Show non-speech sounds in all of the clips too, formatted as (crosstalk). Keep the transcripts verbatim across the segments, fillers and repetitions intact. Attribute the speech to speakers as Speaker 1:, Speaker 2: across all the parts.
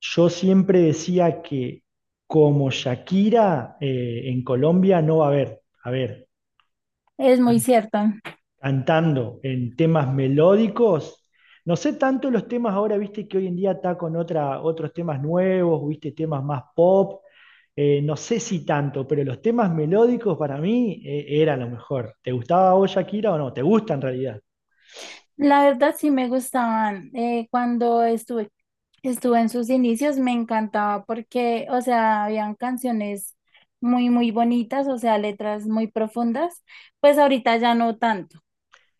Speaker 1: Yo siempre decía que como Shakira eh, en Colombia no va a haber, a ver,
Speaker 2: Es muy
Speaker 1: can-
Speaker 2: cierto.
Speaker 1: cantando en temas melódicos, no sé tanto los temas ahora, viste que hoy en día está con otra, otros temas nuevos, viste temas más pop, eh, no sé si tanto, pero los temas melódicos para mí eh, era lo mejor. ¿Te gustaba a vos Shakira o no? ¿Te gusta en realidad?
Speaker 2: La verdad sí me gustaban. Eh, cuando estuve, estuve en sus inicios me encantaba porque, o sea, habían canciones muy, muy bonitas, o sea, letras muy profundas. Pues ahorita ya no tanto,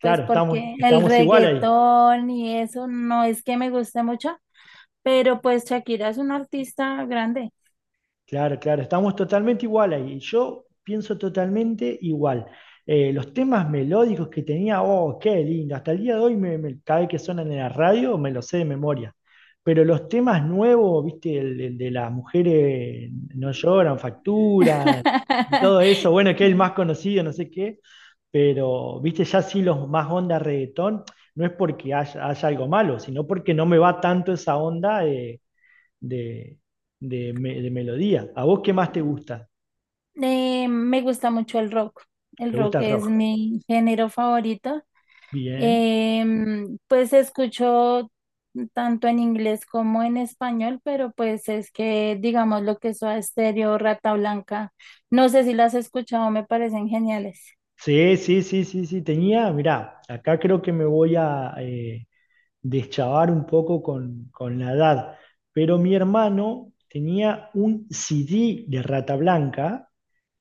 Speaker 2: pues
Speaker 1: estamos,
Speaker 2: porque el
Speaker 1: estamos igual ahí.
Speaker 2: reggaetón y eso no es que me guste mucho, pero pues Shakira es una artista grande.
Speaker 1: Claro, claro, estamos totalmente igual ahí. Yo pienso totalmente igual. Eh, los temas melódicos que tenía, oh, qué lindo. Hasta el día de hoy, me, me- cada vez que suenan en la radio, me los sé de memoria. Pero los temas nuevos, viste, el, el de las mujeres no lloran, facturan y
Speaker 2: (laughs)
Speaker 1: todo eso, bueno, que es el más
Speaker 2: Sí.
Speaker 1: conocido, no sé qué, pero, viste, ya sí los más onda reggaetón, no es porque haya, haya algo malo, sino porque no me va tanto esa onda. Eh, de, de me- de melodía. ¿A vos qué más te gusta?
Speaker 2: Eh, me gusta mucho el rock. El
Speaker 1: ¿Te
Speaker 2: rock
Speaker 1: gusta el
Speaker 2: es
Speaker 1: rock?
Speaker 2: mi género favorito.
Speaker 1: Bien.
Speaker 2: Em, pues escucho tanto en inglés como en español, pero pues es que digamos lo que es Soda Stereo, Rata Blanca, no sé si las has escuchado, me parecen geniales.
Speaker 1: Sí, sí, sí, sí, sí. Tenía, mirá, acá creo que me voy a eh, deschavar un poco con, con la edad, pero mi hermano tenía un C D de Rata Blanca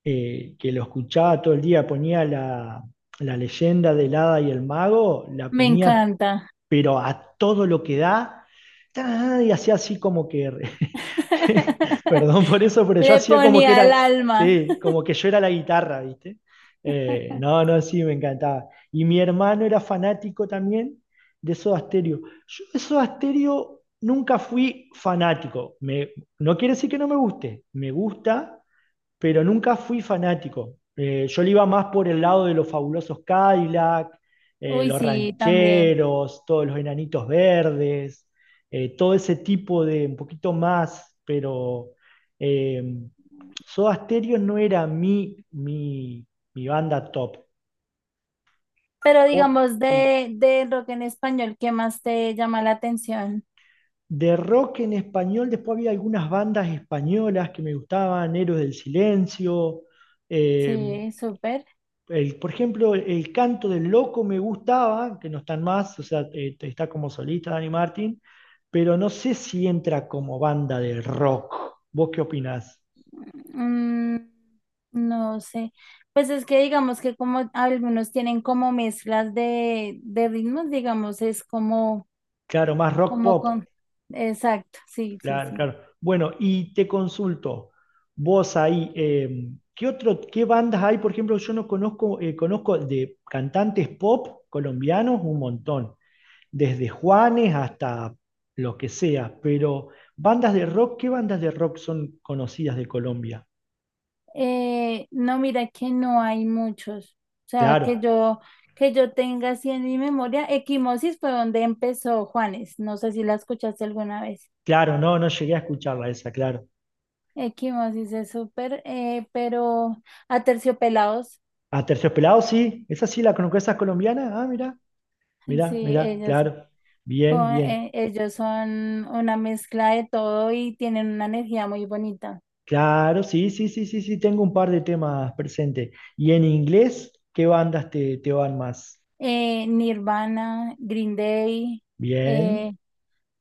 Speaker 1: eh, que lo escuchaba todo el día, ponía la, la leyenda del hada y el mago, la
Speaker 2: Me
Speaker 1: ponía
Speaker 2: encanta.
Speaker 1: pero a todo lo que da, ta, y hacía así como que (laughs) (laughs)
Speaker 2: (laughs)
Speaker 1: Perdón por eso, pero yo
Speaker 2: Le
Speaker 1: hacía como que
Speaker 2: ponía el
Speaker 1: era,
Speaker 2: alma.
Speaker 1: sí, como que yo era la guitarra, ¿viste? Eh,
Speaker 2: (laughs)
Speaker 1: no, no, sí, me encantaba. Y mi hermano era fanático también de Soda Stereo. Yo de Soda Stereo nunca fui fanático. Me- no quiere decir que no me guste, me gusta, pero nunca fui fanático. Eh, yo le iba más por el lado de los fabulosos Cadillac, eh,
Speaker 2: Uy,
Speaker 1: los
Speaker 2: sí, también.
Speaker 1: rancheros, todos los enanitos verdes, eh, todo ese tipo de un poquito más, pero eh, Soda Stereo no era mi, mi, mi banda top.
Speaker 2: Pero
Speaker 1: O-
Speaker 2: digamos de, de rock en español, ¿qué más te llama la atención?
Speaker 1: de rock en español, después había algunas bandas españolas que me gustaban, Héroes del Silencio, eh,
Speaker 2: Sí, súper.
Speaker 1: el- por ejemplo, el, el canto del loco me gustaba, que no están más, o sea, eh, está como solista Dani Martín, pero no sé si entra como banda de rock. ¿Vos qué opinás?
Speaker 2: Mm, no sé. Pues es que digamos que como algunos tienen como mezclas de, de ritmos, digamos, es como,
Speaker 1: Claro, más rock
Speaker 2: como
Speaker 1: pop.
Speaker 2: con... Exacto, sí, sí,
Speaker 1: Claro,
Speaker 2: sí.
Speaker 1: claro. Bueno, y te consulto, vos ahí, eh, ¿qué otro, qué bandas hay? Por ejemplo, yo no conozco, eh, conozco de cantantes pop colombianos un montón. Desde Juanes hasta lo que sea, pero bandas de rock, ¿qué bandas de rock son conocidas de Colombia?
Speaker 2: Eh, no, mira que no hay muchos. O sea, que
Speaker 1: Claro,
Speaker 2: yo, que yo tenga así en mi memoria, Equimosis fue donde empezó Juanes. No sé si la escuchaste alguna vez.
Speaker 1: claro, no, no llegué a escucharla esa, claro.
Speaker 2: Equimosis es súper, eh, pero Aterciopelados,
Speaker 1: A Terciopelado sí, esa sí la conozco, esa es colombiana, ah, mirá,
Speaker 2: (laughs)
Speaker 1: mirá,
Speaker 2: sí,
Speaker 1: mirá,
Speaker 2: ellos.
Speaker 1: claro, bien,
Speaker 2: Con,
Speaker 1: bien,
Speaker 2: eh, ellos son una mezcla de todo y tienen una energía muy bonita.
Speaker 1: claro, sí, sí, sí, sí, sí, tengo un par de temas presentes. ¿Y en inglés, qué bandas te, te van más?
Speaker 2: Eh, Nirvana, Green Day,
Speaker 1: Bien,
Speaker 2: eh,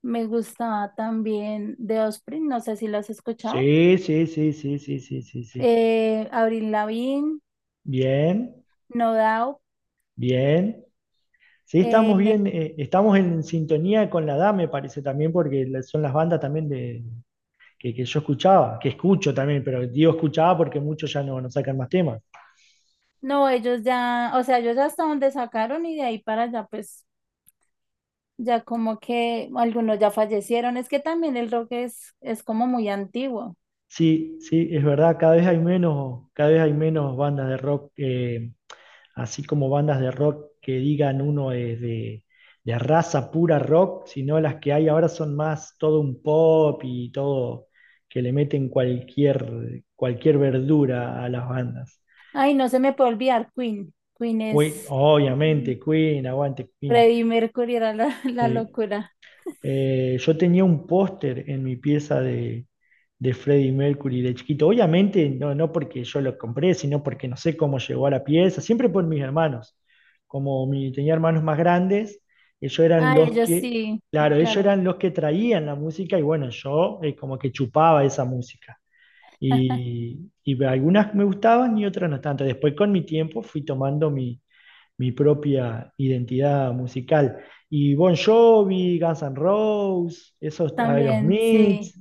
Speaker 2: me gustaba también The Osprey, no sé si lo has escuchado.
Speaker 1: sí, sí, sí, sí, sí, sí, sí, sí,
Speaker 2: Eh, Avril Lavigne,
Speaker 1: bien,
Speaker 2: No Doubt.
Speaker 1: bien. Sí, estamos
Speaker 2: Eh,
Speaker 1: bien, eh, estamos en sintonía con la edad, me parece también, porque la- son las bandas también de, que, que yo escuchaba, que escucho también, pero digo escuchaba porque muchos ya no, no sacan más temas.
Speaker 2: no, ellos ya, o sea, ellos hasta donde sacaron y de ahí para allá, pues ya como que algunos ya fallecieron. Es que también el rock es, es como muy antiguo.
Speaker 1: Sí, sí, es verdad, cada vez hay menos, cada vez hay menos bandas de rock, eh, así como bandas de rock que digan uno es de, de raza pura rock, sino las que hay ahora son más todo un pop y todo que le meten cualquier, cualquier verdura a las bandas.
Speaker 2: Ay, no se me puede olvidar Queen. Queen
Speaker 1: Queen,
Speaker 2: es.
Speaker 1: obviamente, Queen, aguante Queen.
Speaker 2: Freddie Mercury era la, (laughs) la
Speaker 1: Sí.
Speaker 2: locura.
Speaker 1: Eh, yo tenía un póster en mi pieza de, de Freddie Mercury de chiquito. Obviamente, no, no porque yo lo compré, sino porque no sé cómo llegó a la pieza, siempre por mis hermanos. Como mi, tenía hermanos más grandes, ellos eran
Speaker 2: Ay,
Speaker 1: los
Speaker 2: ellos
Speaker 1: que,
Speaker 2: sí, eh,
Speaker 1: claro, ellos
Speaker 2: claro.
Speaker 1: eran los que traían la música y bueno, yo eh, como que chupaba esa música.
Speaker 2: (laughs)
Speaker 1: Y, y algunas me gustaban y otras no tanto. Después con mi tiempo fui tomando mi, mi propia identidad musical. Y Bon Jovi, Guns N' Roses, esos
Speaker 2: También,
Speaker 1: Aerosmith,
Speaker 2: sí,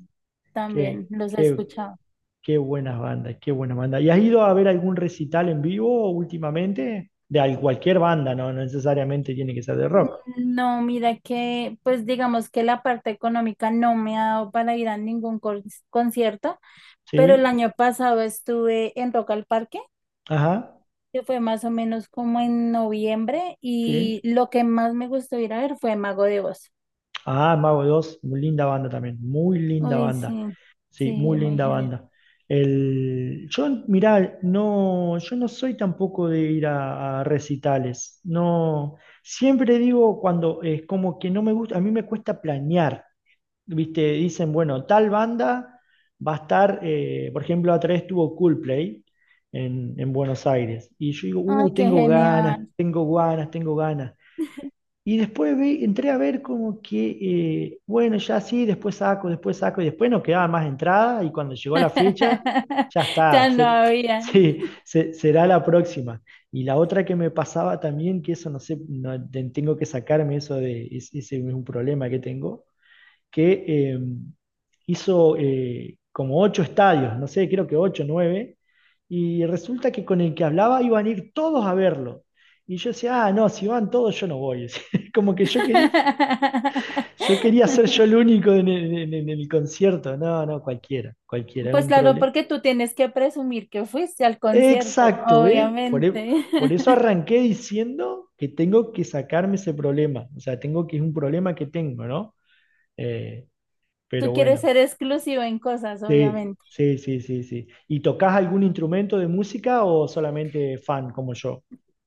Speaker 2: también
Speaker 1: qué,
Speaker 2: los he
Speaker 1: qué,
Speaker 2: escuchado.
Speaker 1: qué buenas bandas, qué buenas bandas. ¿Y has ido a ver algún recital en vivo últimamente? De al- cualquier banda, no, no necesariamente tiene que ser de rock.
Speaker 2: No, mira que, pues digamos que la parte económica no me ha dado para ir a ningún con- concierto, pero el
Speaker 1: ¿Sí?
Speaker 2: año pasado estuve en Rock al Parque,
Speaker 1: Ajá,
Speaker 2: que fue más o menos como en noviembre,
Speaker 1: sí.
Speaker 2: y lo que más me gustó ir a ver fue Mago de Oz.
Speaker 1: Ah, Mago dos, muy linda banda también, muy linda
Speaker 2: Uy, sí,
Speaker 1: banda. Sí,
Speaker 2: sí,
Speaker 1: muy
Speaker 2: muy
Speaker 1: linda
Speaker 2: genial.
Speaker 1: banda. El, yo, mirá, no, yo no soy tampoco de ir a, a recitales. No, siempre digo cuando es como que no me gusta, a mí me cuesta planear. ¿Viste? Dicen, bueno, tal banda va a estar, eh, por ejemplo, a través tuvo Coldplay en, en Buenos Aires. Y yo digo,
Speaker 2: Ay,
Speaker 1: uh,
Speaker 2: qué
Speaker 1: tengo ganas,
Speaker 2: genial.
Speaker 1: tengo ganas, tengo ganas. Y después ve- entré a ver como que, eh, bueno, ya sí, después saco, después saco, y después no quedaba más entrada, y cuando llegó la fecha,
Speaker 2: (laughs)
Speaker 1: ya
Speaker 2: Ya
Speaker 1: está,
Speaker 2: no
Speaker 1: ser- (laughs)
Speaker 2: había.
Speaker 1: sí, se- será la próxima. Y la otra que me pasaba también, que eso no sé, no- de- tengo que sacarme eso de, es- ese es un problema que tengo, que eh, hizo eh, como ocho estadios, no sé, creo que ocho, nueve, y resulta que con el que hablaba iban a ir todos a verlo. Y yo decía, ah, no, si van todos, yo no voy. (laughs) Como que yo quería, yo quería ser yo el
Speaker 2: (laughs)
Speaker 1: único en el, en el- en el concierto. No, no, cualquiera, cualquiera, es
Speaker 2: Pues
Speaker 1: un
Speaker 2: claro,
Speaker 1: problema.
Speaker 2: porque tú tienes que presumir que fuiste al concierto,
Speaker 1: Exacto, ¿eh? Por, e-
Speaker 2: obviamente.
Speaker 1: por eso
Speaker 2: (laughs)
Speaker 1: arranqué diciendo que tengo que sacarme ese problema. O sea, tengo que es un problema que tengo, ¿no? Eh, pero
Speaker 2: Tú quieres
Speaker 1: bueno,
Speaker 2: ser exclusivo en cosas,
Speaker 1: sí,
Speaker 2: obviamente.
Speaker 1: sí, sí, sí, sí. ¿Y tocas algún instrumento de música o solamente fan como yo?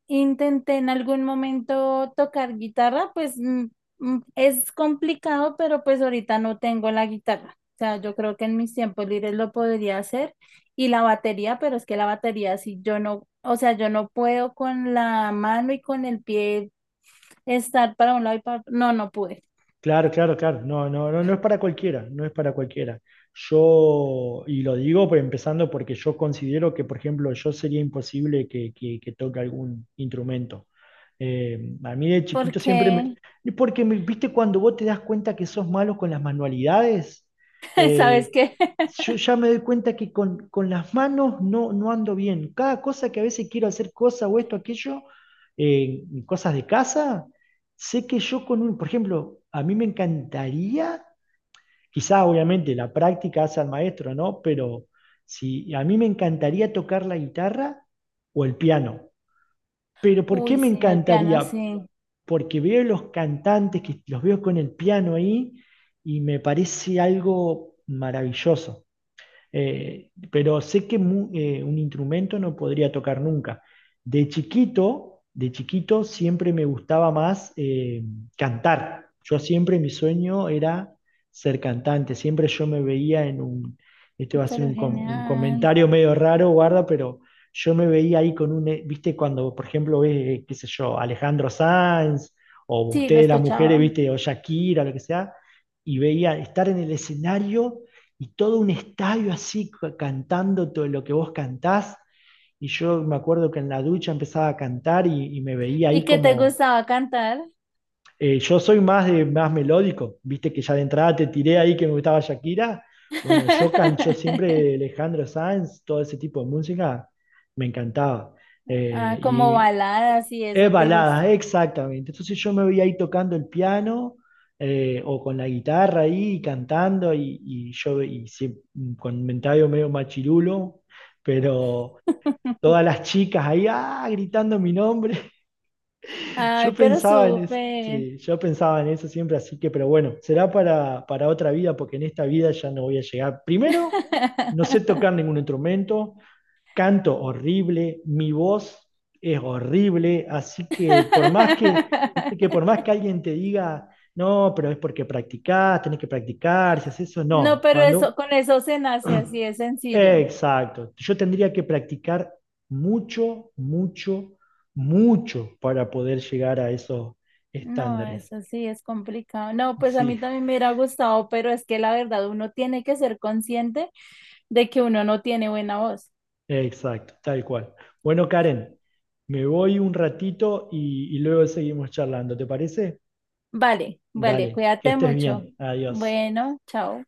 Speaker 2: Intenté en algún momento tocar guitarra, pues mm, mm, es complicado, pero pues ahorita no tengo la guitarra. O sea, yo creo que en mis tiempos libres lo podría hacer y la batería, pero es que la batería si yo no, o sea, yo no puedo con la mano y con el pie estar para un lado y para otro. No, no pude.
Speaker 1: Claro, claro, claro. No, no, no, no es para cualquiera, no es para cualquiera. Yo, y lo digo por- empezando porque yo considero que, por ejemplo, yo sería imposible que, que- que toque algún instrumento. Eh, a mí de chiquito
Speaker 2: Porque,
Speaker 1: siempre me... Porque, me- viste, cuando vos te das cuenta que sos malo con las manualidades,
Speaker 2: (laughs) ¿sabes
Speaker 1: eh,
Speaker 2: qué?
Speaker 1: yo
Speaker 2: (laughs)
Speaker 1: ya me doy cuenta que con, con las manos no, no ando bien. Cada cosa que a veces quiero hacer, cosa o esto, aquello, eh, cosas de casa sé que yo con un, por ejemplo, a mí me encantaría, quizá obviamente la práctica hace al maestro, ¿no? Pero si a mí me encantaría tocar la guitarra o el piano. Pero ¿por qué
Speaker 2: Uy,
Speaker 1: me
Speaker 2: sí, el piano
Speaker 1: encantaría?
Speaker 2: sí,
Speaker 1: Porque veo los cantantes que los veo con el piano ahí y me parece algo maravilloso. Eh, pero sé que mu- eh, un instrumento no podría tocar nunca. De chiquito, de chiquito siempre me gustaba más eh, cantar. Yo siempre mi sueño era ser cantante. Siempre yo me veía en un, este va a ser
Speaker 2: pero
Speaker 1: un, com- un
Speaker 2: genial.
Speaker 1: comentario medio raro, guarda, pero yo me veía ahí con un, eh, viste, cuando por ejemplo ves, eh, qué sé yo, Alejandro Sanz o
Speaker 2: Sí, lo
Speaker 1: ustedes las
Speaker 2: escuchaba.
Speaker 1: mujeres, viste, o Shakira, lo que sea, y veía estar en el escenario y todo un estadio así cantando todo lo que vos cantás. Y yo me acuerdo que en la ducha empezaba a cantar y, y me veía
Speaker 2: ¿Y
Speaker 1: ahí
Speaker 2: qué te
Speaker 1: como,
Speaker 2: gustaba cantar?
Speaker 1: eh, yo soy más, de, más melódico, viste que ya de entrada te tiré ahí que me gustaba Shakira. Bueno, yo can yo siempre
Speaker 2: (laughs)
Speaker 1: Alejandro Sanz, todo ese tipo de música, me encantaba. Eh,
Speaker 2: Ah, como
Speaker 1: y,
Speaker 2: baladas y
Speaker 1: es
Speaker 2: eso te gusta.
Speaker 1: balada, exactamente. Entonces yo me veía ahí tocando el piano eh, o con la guitarra ahí y cantando y, y yo y sie- con mentario medio machirulo, pero
Speaker 2: (laughs)
Speaker 1: todas las chicas ahí ah, gritando mi nombre yo
Speaker 2: Ay, pero
Speaker 1: pensaba en eso,
Speaker 2: súper.
Speaker 1: sí, yo pensaba en eso siempre, así que, pero bueno, será para, para otra vida, porque en esta vida ya no voy a llegar. Primero, no sé
Speaker 2: (laughs)
Speaker 1: tocar ningún instrumento, canto horrible, mi voz es horrible, así que por más que, viste que por más que alguien te diga, no, pero es porque practicás, tenés que practicar, si haces eso,
Speaker 2: No,
Speaker 1: no.
Speaker 2: pero
Speaker 1: Cuando
Speaker 2: eso, con eso se nace así, es
Speaker 1: (clears throat)
Speaker 2: sencillo.
Speaker 1: exacto. Yo tendría que practicar mucho, mucho, mucho para poder llegar a esos
Speaker 2: No,
Speaker 1: estándares.
Speaker 2: eso sí es complicado. No, pues a
Speaker 1: Sí,
Speaker 2: mí también me hubiera gustado, pero es que la verdad uno tiene que ser consciente de que uno no tiene buena voz.
Speaker 1: exacto, tal cual. Bueno, Karen, me voy un ratito y, y luego seguimos charlando, ¿te parece?
Speaker 2: Vale, vale,
Speaker 1: Dale, que
Speaker 2: cuídate
Speaker 1: estés
Speaker 2: mucho.
Speaker 1: bien. Adiós.
Speaker 2: Bueno, chao.